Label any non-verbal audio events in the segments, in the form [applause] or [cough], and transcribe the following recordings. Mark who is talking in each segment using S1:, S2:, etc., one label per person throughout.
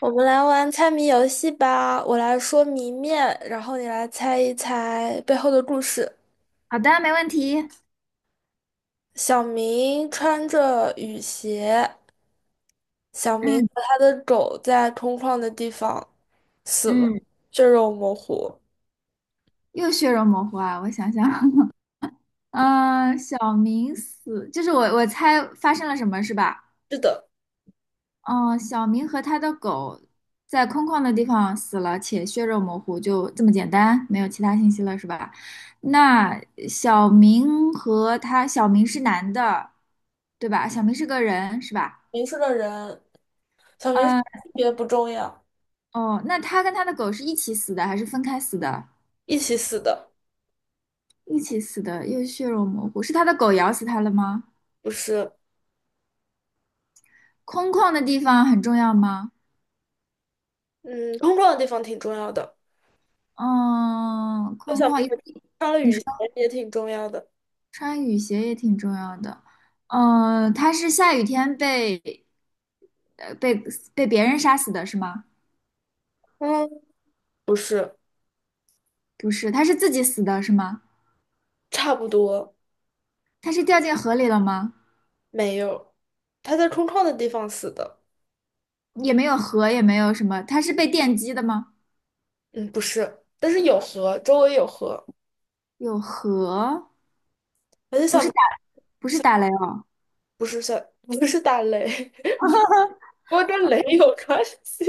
S1: 我们来玩猜谜游戏吧，我来说谜面，然后你来猜一猜背后的故事。
S2: 好的，没问题。
S1: 小明穿着雨鞋，小明
S2: 嗯
S1: 和他的狗在空旷的地方死了，
S2: 嗯，
S1: 血肉模糊。
S2: 又血肉模糊啊！我想想，[laughs] 嗯、小明死，就是我猜发生了什么是吧？
S1: 是的，
S2: 嗯、小明和他的狗在空旷的地方死了，且血肉模糊，就这么简单，没有其他信息了是吧？那小明和他，小明是男的，对吧？小明是个人是吧？
S1: 迷是个人，小明性
S2: 嗯、
S1: 别不重要，
S2: 哦，那他跟他的狗是一起死的还是分开死的？
S1: 一起死的，
S2: 一起死的，又血肉模糊，是他的狗咬死他了吗？
S1: 不是。
S2: 空旷的地方很重要吗？
S1: 嗯，空旷的地方挺重要的，
S2: 嗯，
S1: 就
S2: 空
S1: 小
S2: 旷，
S1: 明
S2: 因为
S1: 穿了
S2: 你
S1: 雨
S2: 说
S1: 鞋也挺重要的。
S2: 穿雨鞋也挺重要的。嗯，他是下雨天被呃被被别人杀死的是吗？
S1: 嗯，不是，
S2: 不是，他是自己死的是吗？
S1: 差不多。
S2: 他是掉进河里了吗？
S1: 没有，他在空旷的地方死的。
S2: 也没有河，也没有什么，他是被电击的吗？
S1: 嗯，不是，但是有河，周围有河。
S2: 有河，
S1: 很
S2: 不是
S1: 小，
S2: 打不是打雷哦，
S1: 不是小，不是打雷，[laughs] 不过跟雷有关系。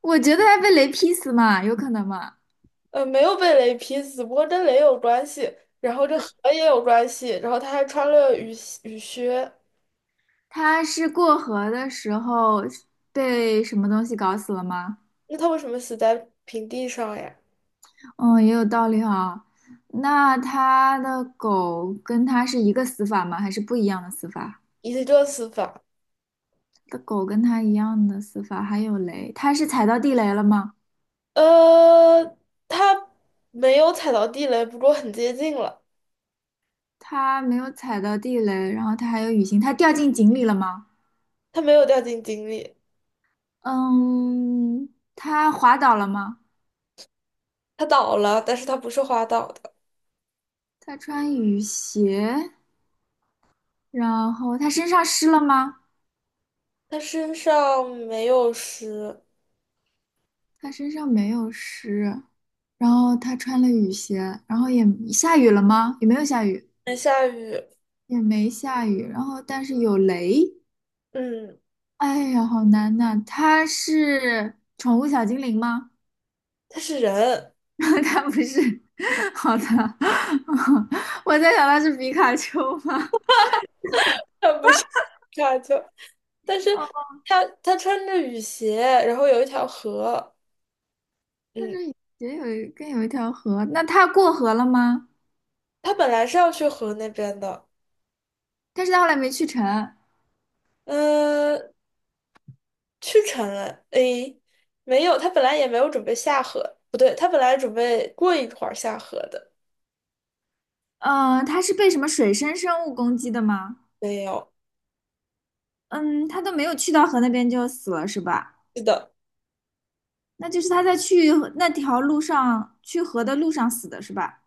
S2: 我觉得他被雷劈死嘛，有可能嘛？
S1: 没有被雷劈死，不过跟雷有关系，然后这河也有关系，然后他还穿了雨鞋雨靴，
S2: 他是过河的时候被什么东西搞死了吗？
S1: 那他为什么死在平地上呀？
S2: 哦，也有道理哈。那他的狗跟他是一个死法吗？还是不一样的死法？
S1: 一个死法，
S2: 他的狗跟他一样的死法，还有雷，他是踩到地雷了吗？
S1: 呃，他没有踩到地雷，不过很接近了，
S2: 他没有踩到地雷，然后他还有雨欣，他掉进井里了吗？
S1: 他没有掉进井里，
S2: 嗯，他滑倒了吗？
S1: 他倒了，但是他不是滑倒的。
S2: 他穿雨鞋，然后他身上湿了吗？
S1: 他身上没有湿，
S2: 他身上没有湿，然后他穿了雨鞋，然后也下雨了吗？也没有下雨。
S1: 没下雨。
S2: 也没下雨，然后但是有雷，
S1: 嗯，
S2: 哎呀，好难呐！它是宠物小精灵吗？
S1: 他是人，
S2: [laughs] 它不是，好的，[laughs] 我在想它是皮卡丘吗？
S1: 他不是 [laughs] 沙丘，但是
S2: 哦，
S1: 他穿着雨鞋，然后有一条河。
S2: 它
S1: 嗯，
S2: 这也有一跟有一条河，那它过河了吗？
S1: 他本来是要去河那边的，
S2: 但是它后来没去成，
S1: 嗯、去成了。诶，没有，他本来也没有准备下河，不对，他本来准备过一会儿下河的，
S2: 它是被什么水生生物攻击的吗？
S1: 没有。
S2: 嗯，它都没有去到河那边就死了是吧？
S1: 是的，
S2: 那就是它在去那条路上去河的路上死的是吧？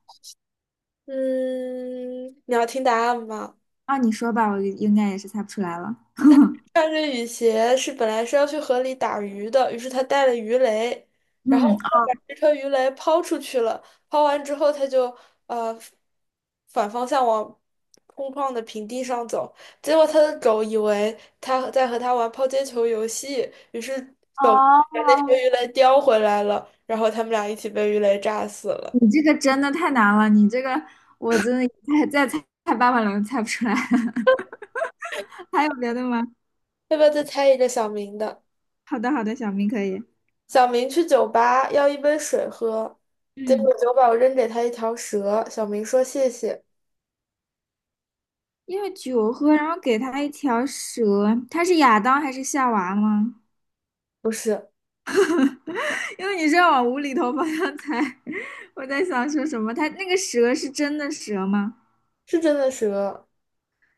S1: 嗯，你要听答案吗？
S2: 啊，你说吧，我应该也是猜不出来了。
S1: 穿着雨鞋是本来是要去河里打鱼的，于是他带了鱼雷，然后
S2: 嗯，
S1: 他把这条鱼雷抛出去了。抛完之后，他就呃反方向往空旷的平地上走。结果他的狗以为他在和他玩抛接球游戏，于是狗把那条
S2: 哦，
S1: 鱼雷叼回来了，然后他们俩一起被鱼雷炸死了。
S2: 你这个真的太难了，你这个我真的再猜猜800轮猜不出来。[laughs] 还有别的吗？
S1: 要不要再猜一个小明的？
S2: 好的，好的，小明可以。
S1: 小明去酒吧要一杯水喝，结
S2: 嗯，
S1: 果酒保扔给他一条蛇。小明说谢谢，
S2: 因为酒喝，然后给他一条蛇，他是亚当还是夏娃吗？
S1: 不是，
S2: [laughs] 因为你是要往无厘头方向猜，[laughs] 我在想说什么？他那个蛇是真的蛇吗？
S1: 是真的蛇，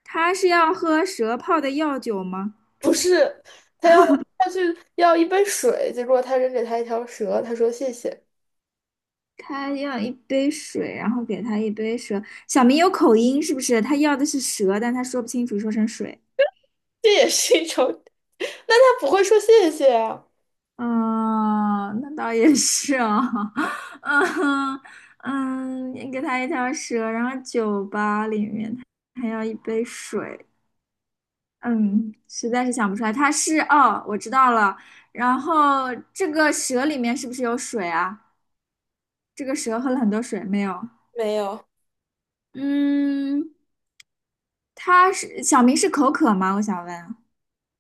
S2: 他是要喝蛇泡的药酒吗？
S1: 不是，他要他去要一杯水，结果他扔给他一条蛇，他说谢谢，
S2: 他要一杯水，然后给他一杯蛇。小明有口音是不是？他要的是蛇，但他说不清楚，说成水。
S1: 这也是一种，那他不会说谢谢啊？
S2: 嗯，那倒也是哦。[laughs] 嗯嗯，你给他一条蛇，然后酒吧里面他还要一杯水。嗯，实在是想不出来，他是哦，我知道了。然后这个蛇里面是不是有水啊？这个蛇喝了很多水没有？
S1: 没有
S2: 嗯，他是小明是口渴吗？我想问啊。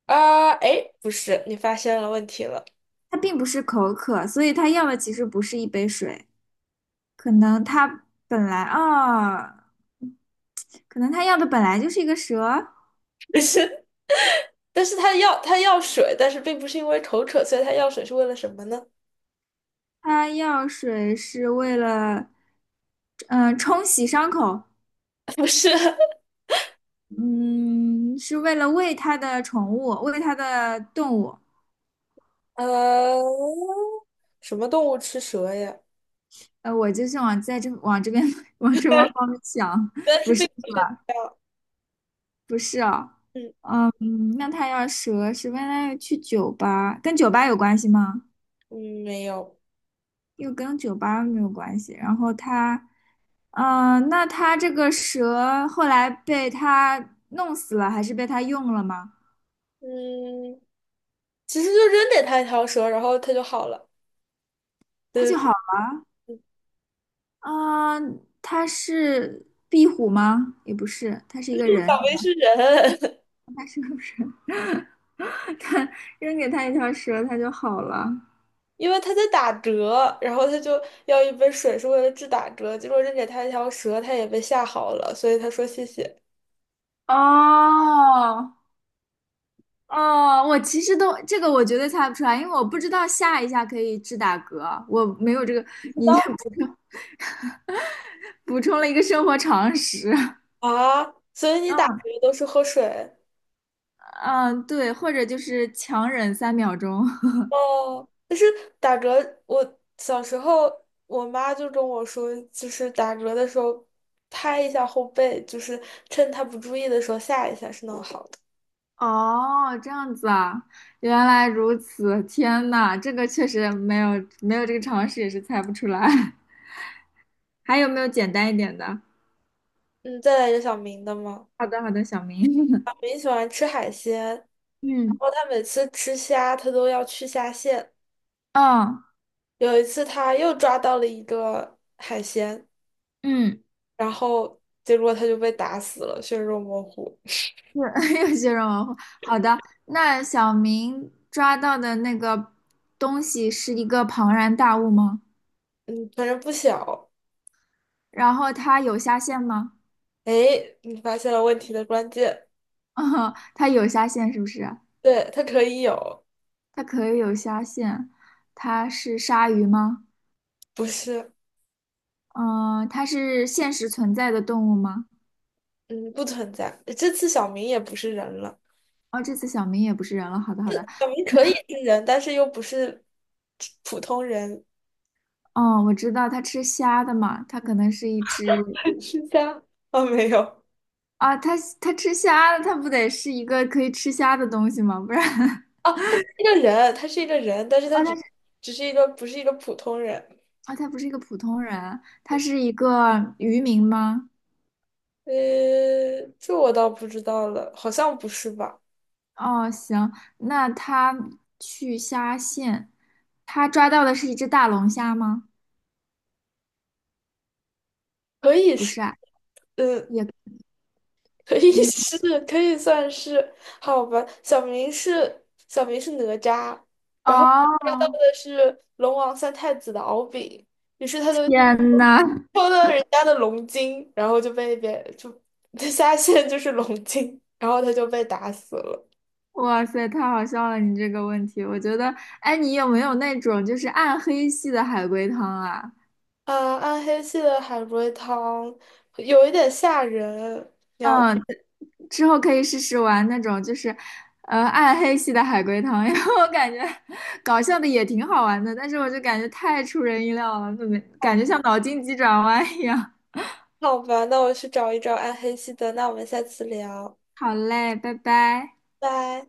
S1: 啊，哎，不是，你发现了问题了，
S2: 它并不是口渴，所以它要的其实不是一杯水，可能它本来啊、可能它要的本来就是一个蛇，
S1: [laughs] 不是，但是他要水，但是并不是因为口渴，所以他要水是为了什么呢？
S2: 它要水是为了，嗯、冲洗伤口，
S1: [laughs] 不是，
S2: 嗯，是为了喂它的宠物，喂它的动物。
S1: 呃，什么动物吃蛇呀？
S2: 我就是往这边 [laughs] 往这方面想，
S1: 但是
S2: 不
S1: 被
S2: 是不是哦，
S1: 嗯
S2: 嗯，那它要蛇是为了去酒吧，跟酒吧有关系吗？
S1: 嗯没有
S2: 又跟酒吧没有关系。然后他，嗯、呃那他这个蛇后来被他弄死了，还是被他用了吗？
S1: 嗯，其实就扔给他一条蛇，然后他就好了。
S2: 他
S1: 嗯，
S2: 就好，嗯、呃他是壁虎吗？也不是，他是一个
S1: 不
S2: 人，
S1: 想喂是人，
S2: 他是个人，[laughs] 他扔给他一条蛇，他就好了。
S1: [laughs] 因为他在打嗝，然后他就要一杯水是为了治打嗝，结果扔给他一条蛇，他也被吓好了，所以他说谢谢。
S2: 哦，哦，我其实都这个我绝对猜不出来，因为我不知道下一下可以治打嗝，我没有这个，你这补充 [laughs] 补充了一个生活常识。
S1: 啊，所以你打
S2: 嗯
S1: 嗝都是喝水
S2: 嗯，对，或者就是强忍3秒钟。[laughs]
S1: 哦？但是打嗝，我小时候我妈就跟我说，就是打嗝的时候拍一下后背，就是趁他不注意的时候吓一下是能好的。
S2: 哦，这样子啊，原来如此，天呐，这个确实没有这个常识也是猜不出来。[laughs] 还有没有简单一点的？
S1: 嗯，再来一个小明的吗？
S2: 好的好的，小明。[laughs]
S1: 小明喜欢吃海鲜，然
S2: 嗯
S1: 后他每次吃虾，他都要去虾线。
S2: 嗯
S1: 有一次，他又抓到了一个海鲜，
S2: 嗯。
S1: 然后结果他就被打死了，血肉模糊。
S2: 是 [laughs] 有些人文化。好的，那小明抓到的那个东西是一个庞然大物吗？
S1: 嗯，反正不小。
S2: 然后它有虾线吗？
S1: 哎，你发现了问题的关键，
S2: [laughs] 它有虾线是不是？
S1: 对，他可以有，
S2: 它可以有虾线，它是鲨鱼吗？
S1: 不是，
S2: 嗯，它是现实存在的动物吗？
S1: 嗯，不存在。这次小明也不是人了，
S2: 哦，这次小明也不是人了。好的，好的。
S1: 小明可以是人，但是又不是普通人，
S2: 哦，我知道它吃虾的嘛，它可能是一只
S1: [laughs] 吃虾。哦，没有。
S2: 啊，它吃虾的，它不得是一个可以吃虾的东西吗？不然。[laughs]
S1: 哦，他是一个人，他是一个人，但是他
S2: 哦，它
S1: 只是一个不是一个普通人。
S2: 啊，他不是一个普通人，他是一个渔民吗？
S1: 呃，这我倒不知道了，好像不是吧？
S2: 哦，行，那他去虾线，他抓到的是一只大龙虾吗？
S1: 可以
S2: 不
S1: 是，
S2: 是啊，
S1: 嗯，
S2: 也，
S1: 可以 [laughs]
S2: 嗯，
S1: 是，可以算是，好吧。小明是哪吒，然后
S2: 哦，
S1: 抓到的是龙王三太子的敖丙，于是他
S2: 天呐，
S1: 偷了人家的龙筋，然后就被别就 [laughs] 下线就是龙筋，然后他就被打死了。
S2: 哇塞，太好笑了，你这个问题，我觉得，哎，你有没有那种就是暗黑系的海龟汤啊？
S1: 啊，暗黑系的海龟汤有一点吓人。
S2: 嗯，之后可以试试玩那种就是，暗黑系的海龟汤，[laughs] 因为我感觉搞笑的也挺好玩的，但是我就感觉太出人意料了，怎么感觉像脑筋急转弯一样。
S1: 好吧，那我去找一找暗黑系的，那我们下次聊，
S2: 好嘞，拜拜。
S1: 拜。